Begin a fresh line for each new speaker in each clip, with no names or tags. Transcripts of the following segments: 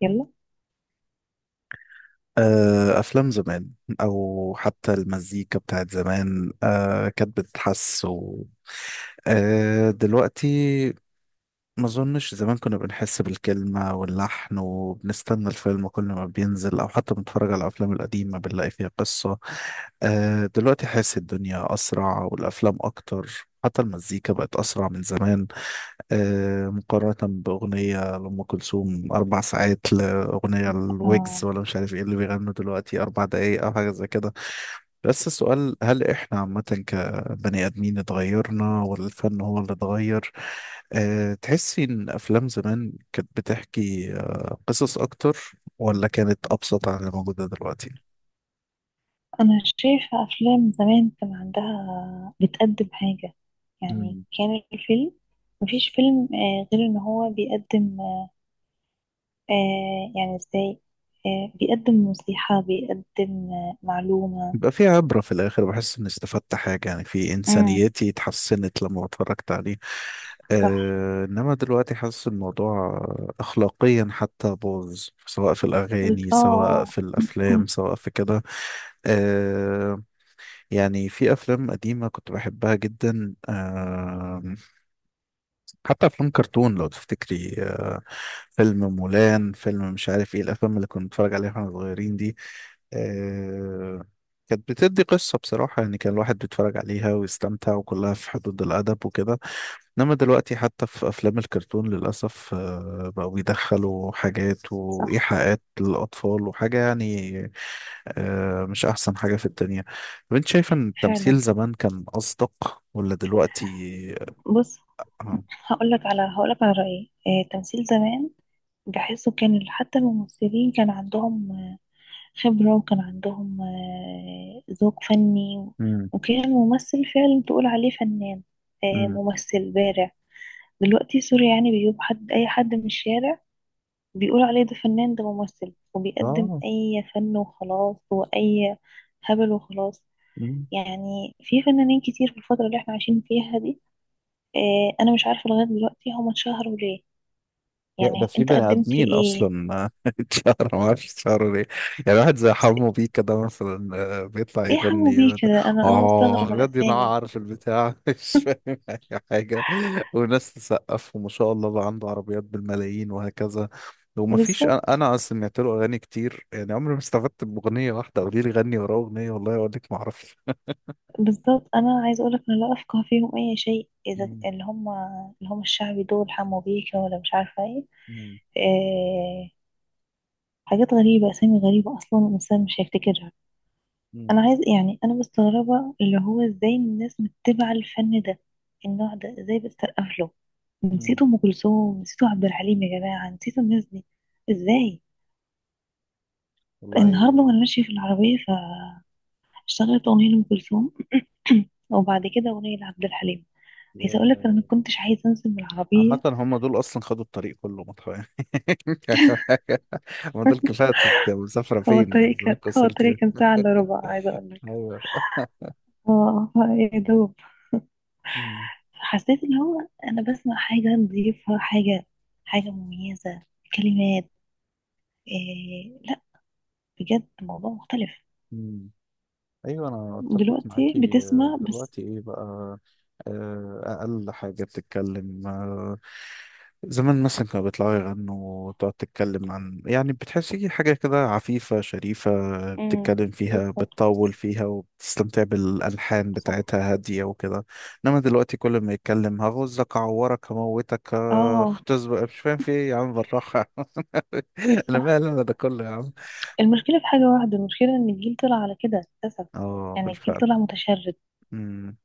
يلا،
أفلام زمان، أو حتى المزيكا بتاعت زمان، كانت بتتحس و دلوقتي. ما اظنش زمان كنا بنحس بالكلمة واللحن وبنستنى الفيلم كل ما بينزل، او حتى بنتفرج على الافلام القديمة بنلاقي فيها قصة. دلوقتي حاسس الدنيا اسرع والافلام اكتر، حتى المزيكا بقت اسرع من زمان. مقارنة باغنية لأم كلثوم 4 ساعات، لاغنية الويجز
آه.
ولا مش عارف ايه اللي بيغنوا دلوقتي 4 دقايق او حاجة زي كده. بس السؤال، هل احنا عامة بني آدمين اتغيرنا ولا الفن هو اللي اتغير؟ تحسي إن أفلام زمان كانت بتحكي قصص أكتر ولا كانت أبسط عن اللي موجودة دلوقتي؟
أنا شايفة أفلام زمان كان عندها بتقدم حاجة. يعني
مم.
كان الفيلم، مفيش فيلم غير إن هو بيقدم يعني إزاي؟ بيقدم نصيحة، بيقدم معلومة.
يبقى في عبرة في الآخر، بحس إني استفدت حاجة، يعني في
امم،
إنسانيتي اتحسنت لما اتفرجت عليه.
صح.
إنما دلوقتي حاسس الموضوع أخلاقيا حتى باظ، سواء في الأغاني
آه،
سواء
آه،
في الأفلام
أمم،
سواء في كده. آه، يعني في افلام قديمه كنت بحبها جدا، حتى افلام كرتون لو تفتكري، فيلم مولان، فيلم مش عارف ايه الافلام اللي كنا بنتفرج عليها واحنا صغيرين دي. آه، كانت بتدي قصه بصراحه، يعني كان الواحد بيتفرج عليها ويستمتع وكلها في حدود الادب وكده. انما دلوقتي حتى في افلام الكرتون للاسف بقوا بيدخلوا حاجات
صح،
وايحاءات للاطفال وحاجه يعني. مش احسن حاجه في الدنيا. طب انت شايفه ان التمثيل
فعلا.
زمان كان اصدق ولا دلوقتي؟
بص،
اه.
هقولك على رأيي. تمثيل زمان، بحسه كان حتى الممثلين كان عندهم خبرة، وكان عندهم ذوق فني.
امم.
وكان الممثل فعلا تقول عليه فنان،
امم.
ممثل بارع. دلوقتي سوري، يعني بيجيب حد، أي حد من الشارع، بيقول عليه ده فنان، ده ممثل، وبيقدم
اه،
أي فن وخلاص، وأي هبل وخلاص. يعني في فنانين كتير في الفترة اللي احنا عايشين فيها دي. أنا مش عارفة لغاية دلوقتي هما اتشهروا ليه.
يا ده
يعني
في
أنت
بني
قدمت
ادمين
إيه؟
اصلا اتشهر ما اعرفش اتشهروا ليه. يعني واحد زي
س-
حمو بيه كده مثلا، بيطلع
إيه حمو بيه
يغني.
كده؟ أنا
اه
مستغربة
بجد
الأسامي.
ينعر في البتاع مش فاهم اي حاجه. وناس تسقف وما شاء الله بقى عنده عربيات بالملايين وهكذا. ومفيش، انا
بالظبط،
أنا سمعت له اغاني كتير، يعني عمري ما استفدت باغنيه واحده. قولي لي غني وراه اغنيه، والله اقول لك ما اعرفش.
بالظبط، انا عايزه اقولك انا لا افقه فيهم اي شيء. اذا
مم.
اللي هم الشعبي دول، حمو بيكا ولا مش عارفه ايه.
مم.
إيه، حاجات غريبه، اسامي غريبه، اصلا الانسان مش هيفتكرها. انا
مم.
عايز يعني انا مستغربه اللي هو ازاي الناس متبعه الفن ده، النوع ده ازاي بتسقف له.
مم.
نسيتوا ام كلثوم، نسيتوا عبد الحليم، يا جماعه نسيتوا الناس دي ازاي؟ النهارده
والله.
وانا ماشيه في العربيه، فاشتغلت اغنيه لام كلثوم وبعد كده اغنيه لعبد الحليم.
يا
عايزه اقول لك انا ما كنتش عايزه انزل من
عامة
العربيه.
هم دول أصلا خدوا الطريق كله يعني. ما دول كفاية مسافرة
هو
فين،
الطريق كان
الزمالك
هو
وصلت
الطريق
إيه؟
كان ساعة إلا ربع، عايزة أقول لك.
ايوه.
اه، يا دوب
مم.
حسيت اللي هو أنا بسمع حاجة نضيفة، حاجة مميزة، كلمات. إيه، لا، بجد موضوع مختلف.
مم. ايوه انا اتفق
دلوقتي
معاكي.
بتسمع بس.
دلوقتي ايه بقى؟ اقل حاجه بتتكلم. زمان مثلا كانوا بيطلعوا يغنوا وتقعد تتكلم عن، يعني بتحسي حاجه كده عفيفه شريفه،
امم،
بتتكلم فيها
بالظبط،
بتطول فيها وبتستمتع بالالحان
صح،
بتاعتها هاديه وكده. انما دلوقتي كل ما يتكلم، هغزك اعورك هموتك
اه،
اختزبق، مش فاهم في ايه يا عم بالراحه. انا
صح.
مالي انا ده كله يا عم.
المشكلة في حاجة واحدة، المشكلة إن الجيل طلع على كده للأسف.
اه
يعني الجيل
بالفعل.
طلع متشرد،
مم.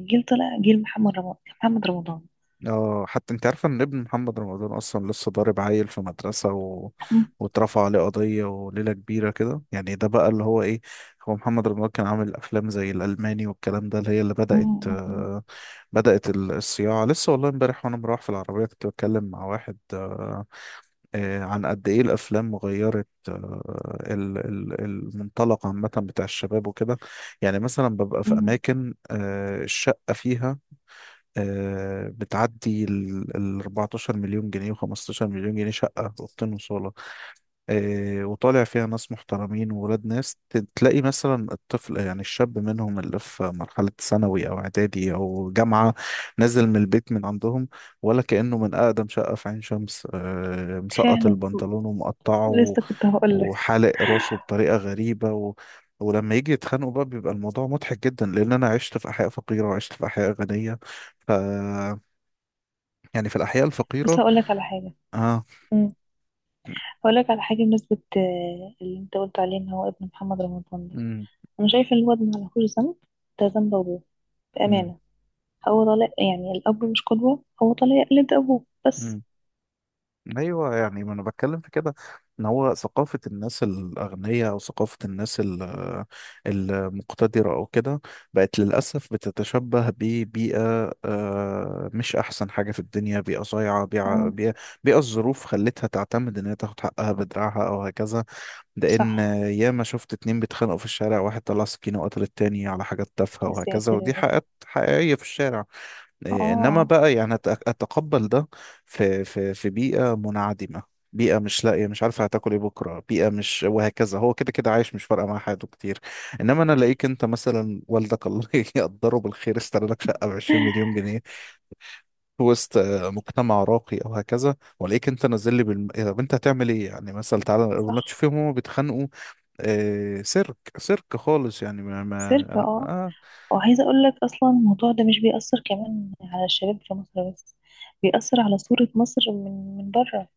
الجيل طلع جيل محمد رمضان، محمد رمضان.
اه، حتى انت عارفه ان ابن محمد رمضان اصلا لسه ضارب عيل في مدرسه و...
امم،
واترفع عليه قضيه وليله كبيره كده. يعني ده بقى اللي هو ايه. هو محمد رمضان كان عامل افلام زي الالماني والكلام ده، اللي هي اللي بدات،
أمم،
بدات الصياعه لسه. والله امبارح وانا مروح في العربيه كنت بتكلم مع واحد، عن قد ايه الافلام غيرت المنطلق عامه بتاع الشباب وكده. يعني مثلا ببقى في
أمم،
اماكن الشقه فيها بتعدي ال ال 14 مليون جنيه و15 مليون جنيه، شقة أوضتين وصالة. وطالع فيها ناس محترمين وولاد ناس. تلاقي مثلا الطفل، يعني الشاب منهم اللي في مرحلة ثانوي أو إعدادي أو جامعة، نازل من البيت من عندهم ولا كأنه من أقدم شقة في عين شمس. مسقط
فعلا.
البنطلون ومقطعه
لسه كنت هقول لك.
وحالق راسه بطريقة غريبة. و ولما يجي يتخانقوا بقى بيبقى الموضوع مضحك جدا، لأن أنا عشت في أحياء فقيرة وعشت في أحياء غنية. ف يعني في الأحياء
بص
الفقيرة.
هقول لك على حاجه.
اه.
مم. هقول لك على حاجه بمناسبه اللي انت قلت عليه ان هو ابن محمد رمضان ده،
امم.
انا شايفه ان الواد ما لهوش ذنب، ده ذنب ابوه،
امم.
بامانه. هو طالع، يعني الاب مش قدوه، هو طالع يقلد ابوه بس.
امم. ايوه، يعني ما انا بتكلم في كده، ان هو ثقافه الناس الاغنياء او ثقافه الناس المقتدره او كده، بقت للاسف بتتشبه ببيئه مش احسن حاجه في الدنيا، بيئه صايعه، بيئه
مم.
بيئه بيئة الظروف خلتها تعتمد ان هي تاخد حقها بدراعها او هكذا. ده ان
صح.
ياما شفت اتنين بيتخانقوا في الشارع، واحد طلع سكينه وقتل التاني على حاجات تافهه
يا
وهكذا،
ساتر يا
ودي
رب.
حقيقات حقيقيه في الشارع.
اه،
إيه، انما
آه،
بقى يعني اتقبل ده في بيئه منعدمه، بيئه مش لاقيه مش عارفه هتاكل ايه بكره، بيئه مش وهكذا، هو كده كده عايش مش فارقه مع حياته كتير. انما انا الاقيك انت مثلا، والدك الله يقدره بالخير اشترى لك شقه ب 20 مليون جنيه في وسط مجتمع راقي او هكذا، والاقيك انت نازل لي بالم... إيه، طب انت هتعمل ايه؟ يعني مثلا تعالى
آه،
ولا
صح،
تشوفهم هما بيتخانقوا. آه، سيرك سيرك خالص، يعني ما, ما...
سيرك،
أنا...
اه.
آه.
وعايزة أقول لك أصلا الموضوع ده مش بيأثر كمان على الشباب في مصر بس، بيأثر على صورة مصر من بره.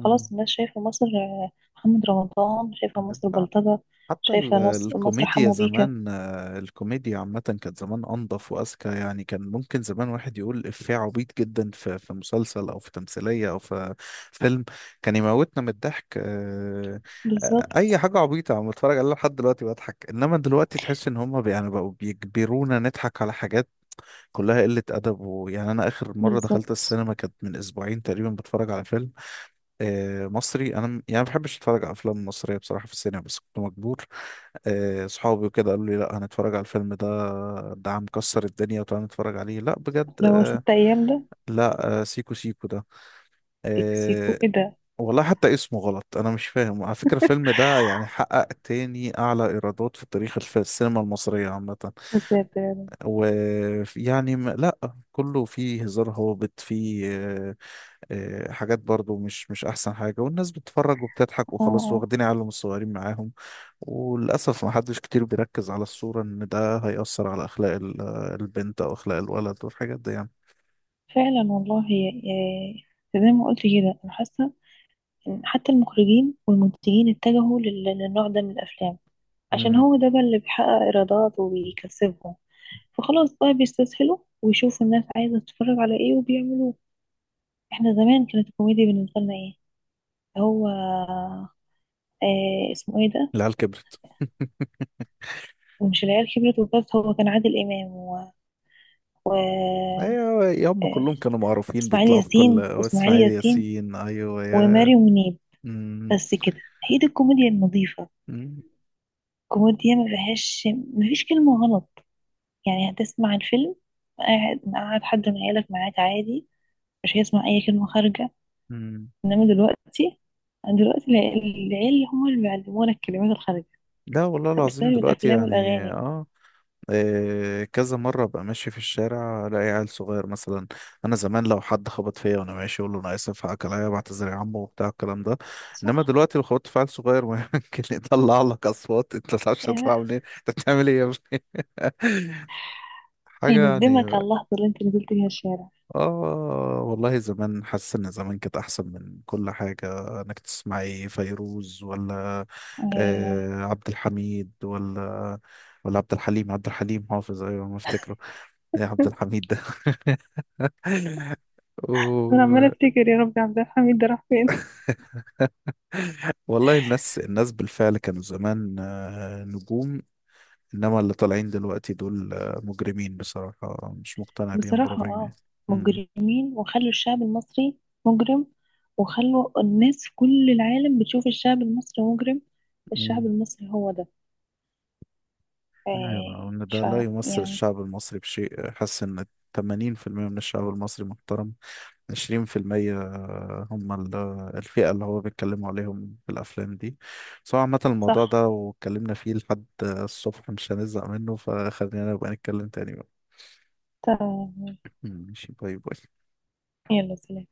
خلاص الناس شايفة مصر، محمد رمضان، شايفة مصر
مم.
بلطجة،
حتى
شايفة ناس مصر
الكوميديا
حمو بيكا.
زمان، الكوميديا عامة كانت زمان أنظف وأذكى، يعني كان ممكن زمان واحد يقول إفيه عبيط جدا في في مسلسل أو في تمثيلية أو في فيلم كان يموتنا من الضحك.
بالظبط،
أي حاجة عبيطة أنا بتفرج عليها لحد دلوقتي بضحك. إنما دلوقتي تحس إن هما يعني بقوا بيجبرونا نضحك على حاجات كلها قلة أدب، ويعني أنا آخر مرة دخلت
بالظبط،
السينما كانت من أسبوعين تقريبا، بتفرج على فيلم مصري. انا يعني ما بحبش اتفرج على افلام مصريه بصراحه في السينما، بس كنت مجبور. صحابي وكده قالوا لي لا هنتفرج على الفيلم ده، ده عم مكسر الدنيا وتعالى نتفرج عليه لا بجد.
لو
آه،
6 أيام ده،
لا آه، سيكو سيكو ده.
سيكو
آه،
سيكو ايه ده؟
والله حتى اسمه غلط، انا مش فاهم. على فكره الفيلم ده يعني حقق تاني اعلى ايرادات في تاريخ السينما المصريه عامه.
عذاب يعني.
ويعني لا، كله فيه هزار هابط، فيه حاجات برضو مش احسن حاجة، والناس بتتفرج وبتضحك
اه،
وخلاص،
آه،
واخدين عيالهم الصغيرين معاهم. وللأسف ما حدش كتير بيركز على الصورة ان ده هيأثر على اخلاق البنت او اخلاق الولد والحاجات دي يعني.
فعلا والله. آه، زي ما قلت كده أنا حاسة إن حتى المخرجين والمنتجين اتجهوا للنوع ده من الأفلام، عشان
امم.
هو ده بقى اللي بيحقق إيرادات وبيكسبهم. فخلاص بقى بيستسهلوا ويشوفوا الناس عايزة تتفرج على ايه وبيعملوه. احنا زمان كانت الكوميديا بالنسبة لنا ايه؟ هو اسمه ايه ده؟
العيال كبرت
ومش العيال كبرت وبس، هو كان عادل إمام و...
ايوه يا، هم
آه
كلهم كانوا معروفين
اسماعيل
بيطلعوا في كل،
ياسين واسماعيل
اسماعيل
ياسين
ياسين ايوه يا.
وماري منيب،
مم.
بس كده. هي دي الكوميديا النظيفة،
مم.
كوميديا ما فيهاش، ما فيش كلمة غلط. يعني هتسمع الفيلم، قاعد حد من عيالك معاك عادي، مش هيسمع أي كلمة خارجة.
مم.
انما دلوقتي، يعني دلوقتي العيال هم اللي بيعلمونا الكلمات الخارجية،
لا والله العظيم
بسبب
دلوقتي
الافلام
يعني.
والاغاني.
اه، كذا مرة أبقى ماشي في الشارع ألاقي عيل صغير مثلا. أنا زمان لو حد خبط فيا وأنا ماشي أقول له أنا آسف، حقك عليا، بعتذر يا عمو وبتاع الكلام ده. إنما
صح،
دلوقتي لو خبطت في عيل صغير ممكن يطلع لك أصوات أنت ما تعرفش
يا
تطلع منين، أنت بتعمل إيه يا ابني حاجة
هيندمك
يعني.
على اللحظة اللي انت نزلت فيها الشارع.
والله زمان حاسس إن زمان كانت أحسن من كل حاجة، إنك تسمعي فيروز ولا
آه،
عبد الحميد ولا، ولا عبد الحليم. عبد الحليم حافظ، أيوة ما أفتكره. يا عبد الحميد ده
انا
و...
عماله افتكر يا ربي عبد الحميد ده راح فين.
والله، الناس بالفعل كانوا زمان نجوم، انما اللي طالعين دلوقتي دول مجرمين بصراحة، مش مقتنع بيهم
بصراحة
بربع جنيه.
اه،
امم.
مجرمين، وخلوا الشعب المصري مجرم، وخلوا الناس في كل العالم بتشوف الشعب المصري مجرم. الشعب
امم.
المصري هو ده. آه،
ايوه، ان ده
ف
لا يمثل
يعني
الشعب المصري بشيء. حاسس ان 80% من الشعب المصري محترم، 20% هم الفئة اللي هو بيتكلموا عليهم في الأفلام دي. بس هو عامة الموضوع
صح.
ده واتكلمنا فيه لحد الصبح مش هنزهق منه، فخلينا نبقى نتكلم تاني بقى.
تمام،
ماشي، باي باي.
يلا سلام.